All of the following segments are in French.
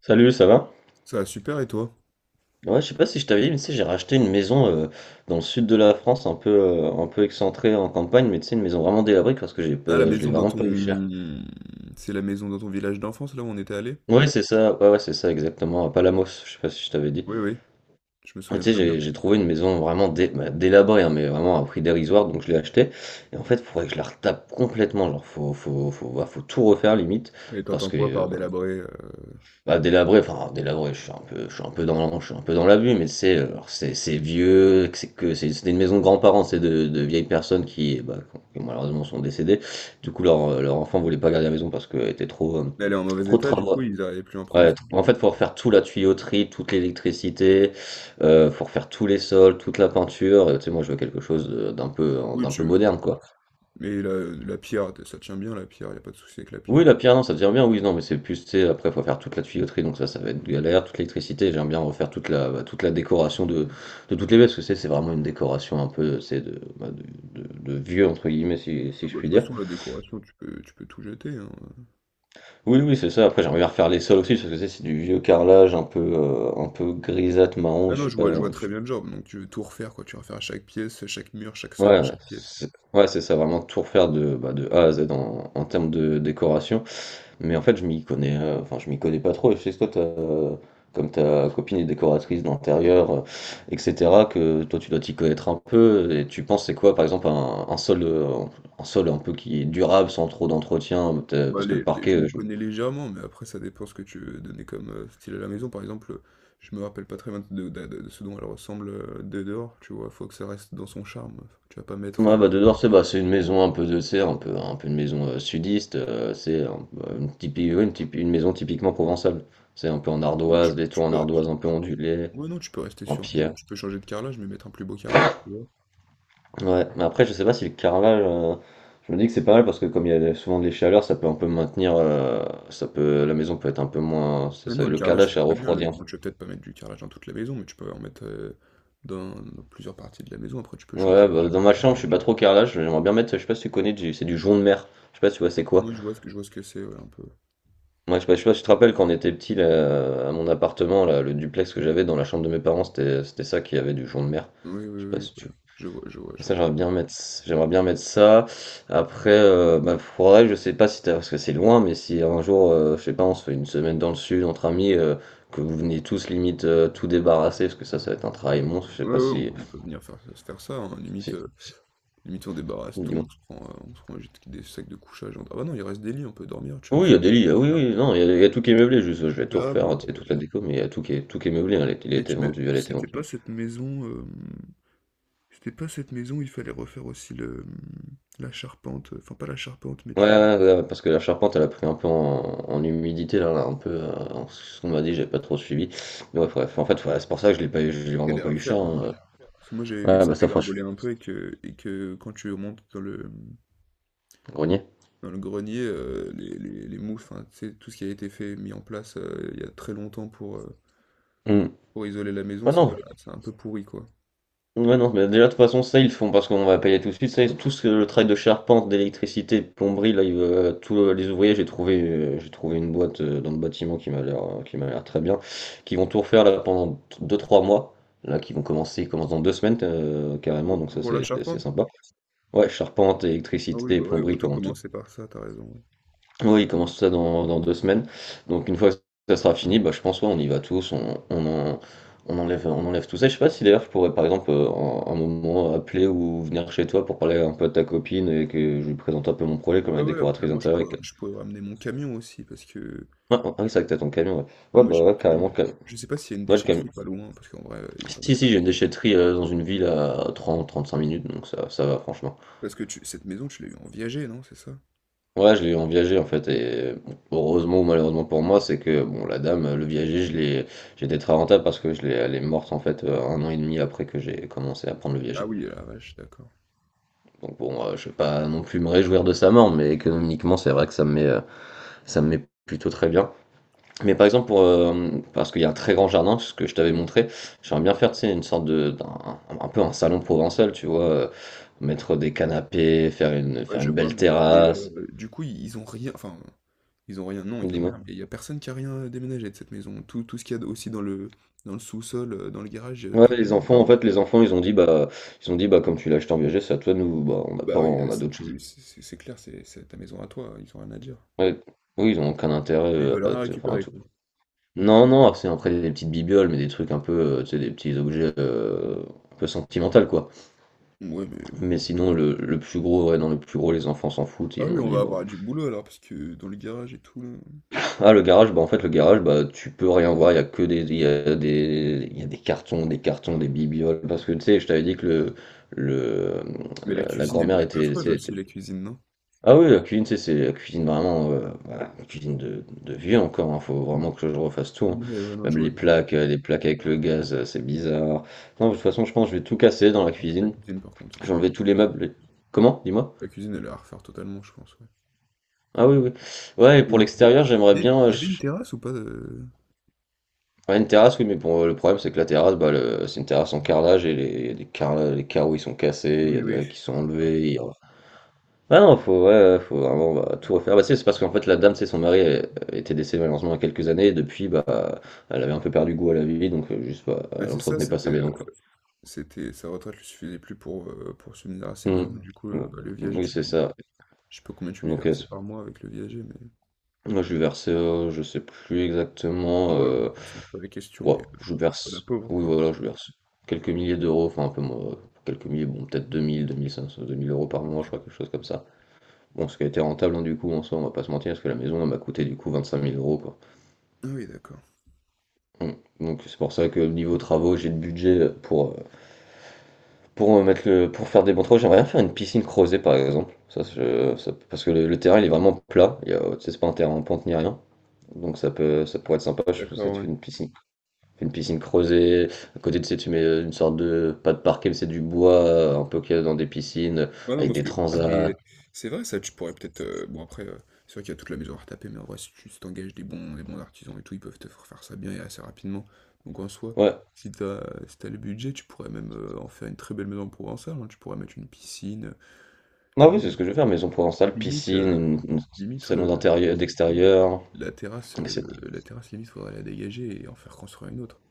Salut, ça va? Ça va super et toi? Ouais, je sais pas si je t'avais dit, mais tu sais, j'ai racheté une maison dans le sud de la France, un peu excentrée en campagne, mais tu sais, une maison vraiment délabrée parce que j'ai, Ah, la pas- je l'ai maison dans vraiment pas eu cher. ton... C'est la maison dans ton village d'enfance, là où on était allé? Ouais, c'est ça, ouais, ouais, c'est ça, exactement, à Palamos, je sais pas si je t'avais dit. Oui, oui, je me Et souviens tu sais, très bien. j'ai trouvé une maison vraiment délabrée, hein, mais vraiment à un prix dérisoire, donc je l'ai achetée. Et en fait, faudrait que je la retape complètement, genre, faut tout refaire limite, Et parce t'entends que quoi par délabré? Délabré, je suis un peu je suis un peu dans je suis un peu dans l'abus, mais c'est vieux, que c'est c'était une maison de grands-parents, c'est de vieilles personnes qui, bah, qui malheureusement sont décédées. Du coup, leur enfant voulait pas garder la maison parce qu'elle était trop, Elle est en mauvais trop de état, du coup, travaux. ils arrivaient plus à en prendre soin, la En fait, maison. faut refaire tout, la tuyauterie, toute l'électricité, faut refaire tous les sols, toute la peinture, tu sais, moi je veux quelque chose Oui, d'un peu tu... moderne, quoi. Mais la pierre, ça tient bien, la pierre, y a pas de souci avec la Oui, pierre. la pierre, non, ça devient bien, oui, non, mais c'est plus, tu sais, après, faut faire toute la tuyauterie, donc ça va être galère, toute l'électricité, j'aime bien refaire toute la, bah, toute la décoration de toutes les baies, parce que c'est vraiment une décoration un peu, c'est de, bah, de, de vieux, entre guillemets, si, Oui, si je bah, de puis toute dire. façon, la décoration, tu peux tout jeter, hein. Oui, oui, c'est ça, après, j'aimerais bien refaire les sols aussi, parce que c'est du vieux carrelage un peu grisâtre, marron, Ah et je non, suis je pas, vois je très suis- bien le job, donc tu veux tout refaire, quoi. Tu vas refaire chaque pièce, chaque mur, chaque sol de ouais, chaque pièce. C'est ça, vraiment tout refaire de, bah, de A à Z en, en termes de décoration. Mais en fait, je m'y connais pas trop. Et je sais que toi, t'as as comme ta copine est décoratrice d'intérieur, et cetera, que toi, tu dois t'y connaître un peu et tu penses c'est quoi, par exemple, un sol, un sol un peu qui est durable sans trop d'entretien? Peut-ê Bah, Parce que le les parquet, je m'y je connais légèrement, mais après ça dépend ce que tu veux donner comme, style à la maison. Par exemple, je me rappelle pas très bien de ce dont elle ressemble, de dehors, tu vois? Faut que ça reste dans son charme. Faut que tu vas pas mettre, ouais, bah, de dehors, c'est, bah, c'est une maison un peu de, tu un peu une maison, sudiste, c'est un une typi oui, une typi une maison typiquement provençale. C'est un peu en non, tu ardoise, les tu toits en peux ardoise un peu ondulés, ouais, non, tu peux rester en sur un beau pierre. tu peux changer de carrelage, mais mettre un plus beau carrelage, tu vois? Ouais, mais après, je sais pas si le carrelage, je me dis que c'est pas mal parce que comme il y a souvent des chaleurs, ça peut un peu maintenir, ça peut, la maison peut être un peu moins, c'est Ouais, ça, non, le le carrelage, carrelage, c'est ça très bien, le refroidit. Un bon, tu vas peut-être pas mettre du carrelage dans toute la maison, mais tu peux en mettre, dans plusieurs parties de la maison. Après, tu peux peu. changer. Ouais, bah, dans ma chambre, je suis pas trop carrelage, j'aimerais bien mettre, je sais pas si tu connais, c'est du jonc de mer, je sais pas si tu vois c'est quoi. Moi, je vois ce que c'est, ouais, un peu. Moi, je sais pas si tu te rappelles quand on était petit là, à mon appartement, là, le duplex que j'avais dans la chambre de mes parents, c'était ça qui avait du jonc de mer. Oui, oui, Je sais pas oui, si tu voilà. Je vois, je vois, je ça, vois. J'aimerais bien mettre ça. Après, bah, faudrait, je sais pas si t'as, parce que c'est loin, mais si un jour, je sais pas, on se fait une semaine dans le sud entre amis, que vous venez tous limite tout débarrasser, parce que ça va être un travail monstre. Je sais Ouais, pas ouais, si, on peut venir faire se faire ça, hein, si, Limite, si- limite on débarrasse tout, dis-moi. On se prend juste des sacs de couchage. Ah bah non, il reste des lits, on peut dormir, tu vois. Oui, il y Enfin, a des lits, ah oui, oui, non, il y a tout qui est meublé, juste, je on vais tout verra, refaire, hein, tu sais, toute la déco, mais il y a tout qui est meublé, hein, il a mais été vendu, elle a été c'était pas vendue. cette maison, c'était pas cette maison, où il fallait refaire aussi le, la charpente, enfin pas la charpente, mais Ouais, tu vois. ouais, ouais, ouais, parce que la charpente, elle a pris un peu en, en humidité, là, un peu, ce qu'on m'a dit, j'ai pas trop suivi. Mais ouais, bref, en fait, ouais, c'est pour ça que je l'ai pas eu, Je je l'ai crois qu'elle vraiment est à pas eu refaire, cher, hein. hein. Parce que moi j'avais vu que Ouais, ça bah ça, franchement, dégringolait un peu et que quand tu montes grenier. dans le grenier, les mouches, enfin, tu sais, tout ce qui a été fait, mis en place il y a très longtemps pour, Hmm. pour isoler la maison, Ouais, ça non, c'est un peu pourri, quoi. ouais, non, mais déjà, de toute façon, ça, ils le font parce qu'on va payer tout de suite, tout ce, le travail de charpente, d'électricité, de plomberie, là, ils, tous les ouvriers, j'ai trouvé une boîte dans le bâtiment qui m'a l'air très bien, qui vont tout refaire, là, pendant 2 3 mois. Là, qui vont commencer, ils commencent dans 2 semaines carrément, donc ça Pour la c'est charpente? sympa. Ouais, charpente, Ah oui, électricité, bah ouais, plomberie, autant comment tout. commencer par ça, t'as raison, ouais. Oui, il commence tout ça dans 2 semaines. Donc une fois que ça sera fini, bah, je pense ouais, on y va tous, on enlève tout ça. Je sais pas si d'ailleurs je pourrais par exemple un moment appeler ou venir chez toi pour parler un peu de ta copine et que je lui présente un peu mon projet comme Ouais, la ouais, après, décoratrice moi, d'intérieur. Je pourrais ramener mon camion aussi, parce que... Ah, ah oui, c'est vrai que t'as ton camion, ouais. bah, Ouais, moi, bah j'ai mon ouais, camion. carrément, Je sais pas s'il y a une ouais, le camion. déchetterie pas loin, parce qu'en vrai, il y a pas mal Si, de si, trucs. j'ai une déchetterie dans une ville à 30-35 minutes, donc ça va franchement. Parce que cette maison, tu l'as eu en viager, non? C'est ça? Ouais, je l'ai eu en viager en fait, et bon, heureusement ou malheureusement pour moi, c'est que bon, la dame, le viager, je l'ai, j'étais très rentable parce que je l'ai, elle est morte en fait 1 an et demi après que j'ai commencé à prendre le Ah viager. oui, la vache, d'accord. Donc bon, je vais pas non plus me réjouir de sa mort, mais économiquement, c'est vrai que ça me met plutôt très bien. Mais par exemple, pour, parce qu'il y a un très grand jardin, ce que je t'avais montré, j'aimerais bien faire, tu sais, une sorte de, un peu un salon provençal, tu vois, mettre des canapés, Ouais, faire je une vois, belle mais, terrasse. Du coup, ils ont rien... Enfin, ils ont rien, non, ils ont rien. Dis-moi. Mais il y a personne qui a rien déménagé de cette maison. Tout ce qu'il y a aussi dans le sous-sol, dans le garage, Ouais, tout est là les enfants, en encore. fait, ils ont dit, bah, ils ont dit, bah, comme tu l'as acheté en viager, c'est à toi, nous, bah, on n'a pas, Bah oui, on a c'est d'autres choses. plus, c'est clair, c'est ta maison à toi, hein, ils ont rien à dire. Ouais. Oui, ils ont aucun intérêt Mais ils veulent rien enfin, à récupérer, tout. quoi. Non, non, c'est après des petites bibioles, mais des trucs un peu, tu sais, des petits objets un peu sentimentaux, quoi. Ouais, mais Mais d'accord. sinon, le plus gros, ouais, non, le plus gros, les enfants s'en foutent, Ah ils oui, m'ont on dit, va bon. avoir du boulot alors, parce que dans le garage et tout, là. Ah, le garage, bah, en fait, le garage, bah, tu peux rien voir, il y a que des, il y a des, il y a des cartons, des cartons, des bibioles, parce que, tu sais, je t'avais dit que le, Mais la la cuisine, elle grand-mère doit être était, affreuse aussi, la cuisine, non? ah oui, la cuisine, tu sais, c'est la cuisine vraiment, voilà, la cuisine de vieux encore, hein, faut vraiment que je refasse tout, hein. Ouais, ouais, non, je Même vois le genre. Les plaques avec le gaz, c'est bizarre. Non, de toute façon, je pense que je vais tout casser dans la Enfin, toute la cuisine, cuisine, par contre, j'ai c'est enlevé sûr. tous les meubles. Comment? Dis-moi. La cuisine, elle est à refaire totalement, je pense, ouais. Ah oui, oui. Ouais, et Et pour il y l'extérieur, j'aimerais a- bien, il y avait une terrasse ou pas ouais, une terrasse, oui, mais bon, le problème, c'est que la terrasse, c'est une terrasse en carrelage, et les carreaux, ils sont cassés, il y a oui, de la- oui. qui sont D'accord. enlevés, ah non, faut, ouais, ouais, faut vraiment bah, tout refaire. Bah, c'est parce qu'en fait, la dame, c'est son mari elle- elle était décédé malheureusement il y a quelques années, et depuis, bah, elle avait un peu perdu goût à la vie, donc bah, Bah, elle c'est ça, entretenait pas sa maison, quoi. c'était, sa retraite lui suffisait plus pour subvenir à ses Mm. besoins. Du coup, Bon. Bah, le viager, Oui, tu c'est lui, ça. je sais pas combien tu lui Donc, versais par mois avec le viager, mais. moi, je lui versais, je sais plus exactement, Ouais, c'est pas la question, ouais, mais je lui la verse, pauvre, oui, quoi. voilà, je lui verse quelques milliers d'euros, enfin, un peu moins, quelques milliers, bon, peut-être 2000, 2000 euros par mois, je OK. crois, quelque chose comme ça. Bon, ce qui a été rentable, hein, du coup, en soi, on va pas se mentir, parce que la maison, elle m'a coûté, du coup, 25 000 euros, quoi. Ah oui, d'accord. Mm. Donc c'est pour ça que niveau travaux, j'ai le budget pour mettre le, pour faire des bons travaux. J'aimerais bien faire une piscine creusée par exemple. Ça, parce que le terrain il est vraiment plat. Il y a, tu sais, c'est pas un terrain en pente ni rien. Donc ça pourrait être sympa. Je pense que D'accord, tu ouais. Fais une piscine creusée. À côté de ça, tu mets une sorte de pas de parquet, mais c'est du bois un peu qu'il y a dans des piscines Ouais, non, avec parce des que ah transats. mais c'est vrai ça, tu pourrais peut-être, bon après, c'est vrai qu'il y a toute la maison à retaper, mais en vrai, si tu des bons artisans et tout, ils peuvent te faire faire ça bien et assez rapidement. Donc en soi, Ouais. si t'as si t'as le budget, tu pourrais même, en faire une très belle maison provençale, hein. Tu pourrais mettre une piscine, Ah oui, c'est ce que je veux faire. Maison provençale, limite, piscine, heu, limite, salon heu, d'intérieur, d'extérieur, etc. la terrasse, limite, faudrait la dégager et en faire construire une autre.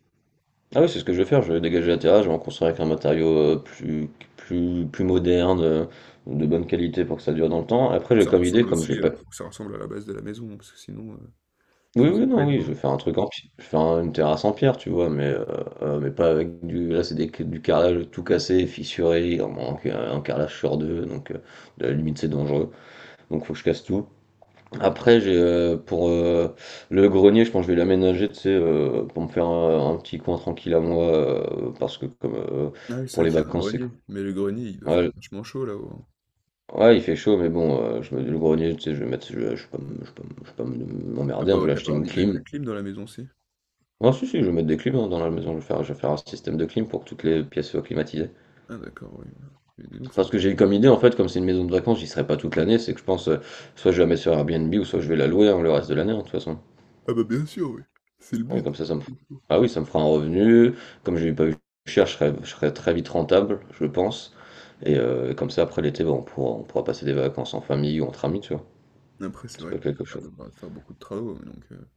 Ah oui, c'est ce que je vais faire, je vais dégager la terrasse, je vais en construire avec un matériau euh, plus, plus moderne, de bonne qualité pour que ça dure dans le temps. Faut Après, que j'ai ça comme idée, ressemble comme aussi, j'ai pas. faut que ça ressemble à la base de la maison, hein, parce que sinon, Oui, sinon ça oui, peut non, être oui, je beau. vais faire un truc en pierre, je vais faire une terrasse en pierre, tu vois, mais pas avec du. Là, c'est du carrelage tout cassé, fissuré, il en manque un carrelage sur deux, donc à la limite, c'est dangereux, donc faut que je casse tout. Après, j'ai pour le grenier, je pense que je vais l'aménager, tu sais, pour me faire un petit coin tranquille à moi, parce que comme. Ah oui, c'est Pour vrai les qu'il y a un vacances. grenier, mais le grenier, il doit faire Ouais, vachement chaud là-haut, hein. Ouais, il fait chaud, mais bon, je me le grenier, tu sais, je vais mettre, je vais pas, je vais pas, je vais pas m'emmerder, hein, je vais T'as pas acheter une envie de mettre la clim. clim dans la maison si Ah si, si, je vais mettre des clims hein, dans la maison, je vais faire un système de clim pour que toutes les pièces soient climatisées. ah d'accord, oui, voilà. Mais dis donc, ça va Parce que être- j'ai eu comme idée, en fait, comme c'est une maison de vacances, j'y serai pas toute l'année, c'est que je pense, soit je vais la mettre sur Airbnb, ou soit je vais la louer hein, le reste de l'année, hein, de toute façon. ah bah bien sûr, oui. C'est le Oui, but. comme ça me... Ah oui, ça me fera un revenu, comme j'ai pas eu cher, je serai très vite rentable, je pense. Et comme ça, après l'été, bah, on pourra passer des vacances en famille ou entre amis, tu vois. Après, c'est C'est vrai pas que t'as quelque l'air chose. de pas faire beaucoup de travaux, mais donc...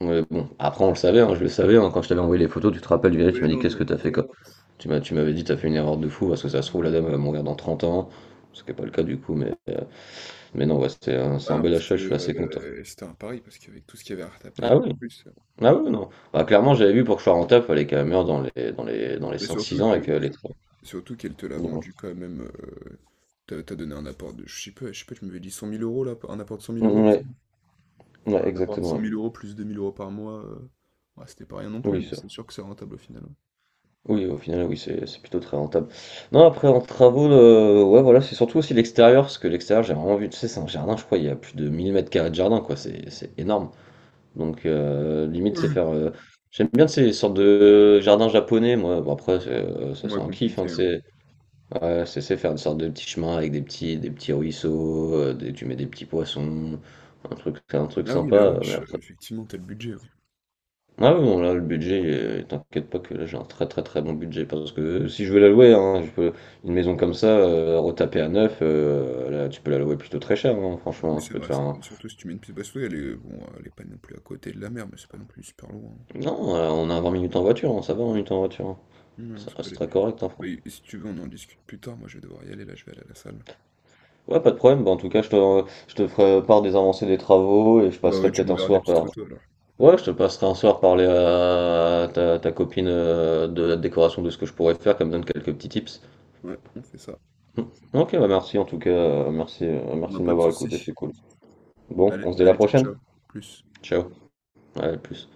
Ouais, bon, après on le savait, hein, je le savais, hein, quand je t'avais envoyé les photos, tu te rappelles, Viral, oui, tu m'as dit non, qu'est-ce non, que t'as c'est fait quoi? sûr. Tu m'as, tu m'avais dit t'as fait une erreur de fou, parce que ça se trouve la dame elle va mourir dans 30 ans, ce qui n'est pas le cas du coup, mais non, ouais, c'est Ah un non, bel parce que achat, je suis assez content. C'était un pari, parce qu'avec tout ce qu'il y avait à retaper, Ah en oui, plus... ah oui, non. Bah, clairement j'avais vu pour que je sois rentable, fallait qu'elle meure dans les mais cinq six surtout ans que et qu'elle ait... surtout qu'elle te l'a vendu quand même, t'as, t'as donné un apport de. Je sais pas, tu m'avais dit 100 000 € là, un apport de cent mille euros, il me Ouais, semble. ouais, Un apport de exactement, cent ouais. mille euros plus 2 000 € par mois, ouais, c'était pas rien non plus, Oui, mais ça. c'est sûr que c'est rentable au final. Oui, au final, oui, c'est plutôt très rentable. Non, après, en travaux, ouais, voilà, c'est surtout aussi l'extérieur, parce que l'extérieur, j'ai vraiment vu, tu sais, c'est un jardin, je crois, il y a plus de 1000 m² de jardin, quoi, c'est énorme. Donc, limite, c'est Ouais. faire. J'aime bien ces sortes de jardins japonais, moi, bon, après, c'est, ça, Moins c'est un kiff, hein, compliqué, tu hein. sais. Ouais, c'est faire une sorte de petits chemins avec des petits ruisseaux, tu mets des petits poissons, un truc Ah oui, la sympa, mais vache, après. effectivement, t'as le budget, oui. Ah oui, bon, là, le budget, t'inquiète pas que là, j'ai un très très très bon budget. Parce que si je veux la louer, hein, je peux, une maison comme ça, retapée à neuf, là, tu peux la louer plutôt très cher, hein, Oui, franchement. Tu c'est peux te vrai, faire c'est un. vrai. Surtout si tu mets une petite basse elle est, bon, elle est pas non plus à côté de la mer, mais c'est pas non plus super loin, hein. Non, on a 20 minutes en voiture, hein, ça va, 20 minutes en voiture, hein. Non, Ça ça peut reste aller. très correct, hein, Bah, franchement. Et si tu veux, on en discute plus tard. Moi, je vais devoir y aller, là, je vais aller à la salle. Ouais, pas de problème. Bah, en tout cas, je te ferai part des avancées des travaux et je Bah ouais, passerai tu peut-être un m'enverras des soir petites par. photos alors. Ouais, je te passerai un soir parler à ta copine de la décoration de ce que je pourrais faire, comme donne quelques petits tips. Ouais, on fait ça. Mm. Ok, bah merci en tout cas, On moi, merci de pas de m'avoir écouté, souci. c'est cool. Bon, Allez, on se dit à la allez, ciao, prochaine. ciao. Plus. Ciao, à plus.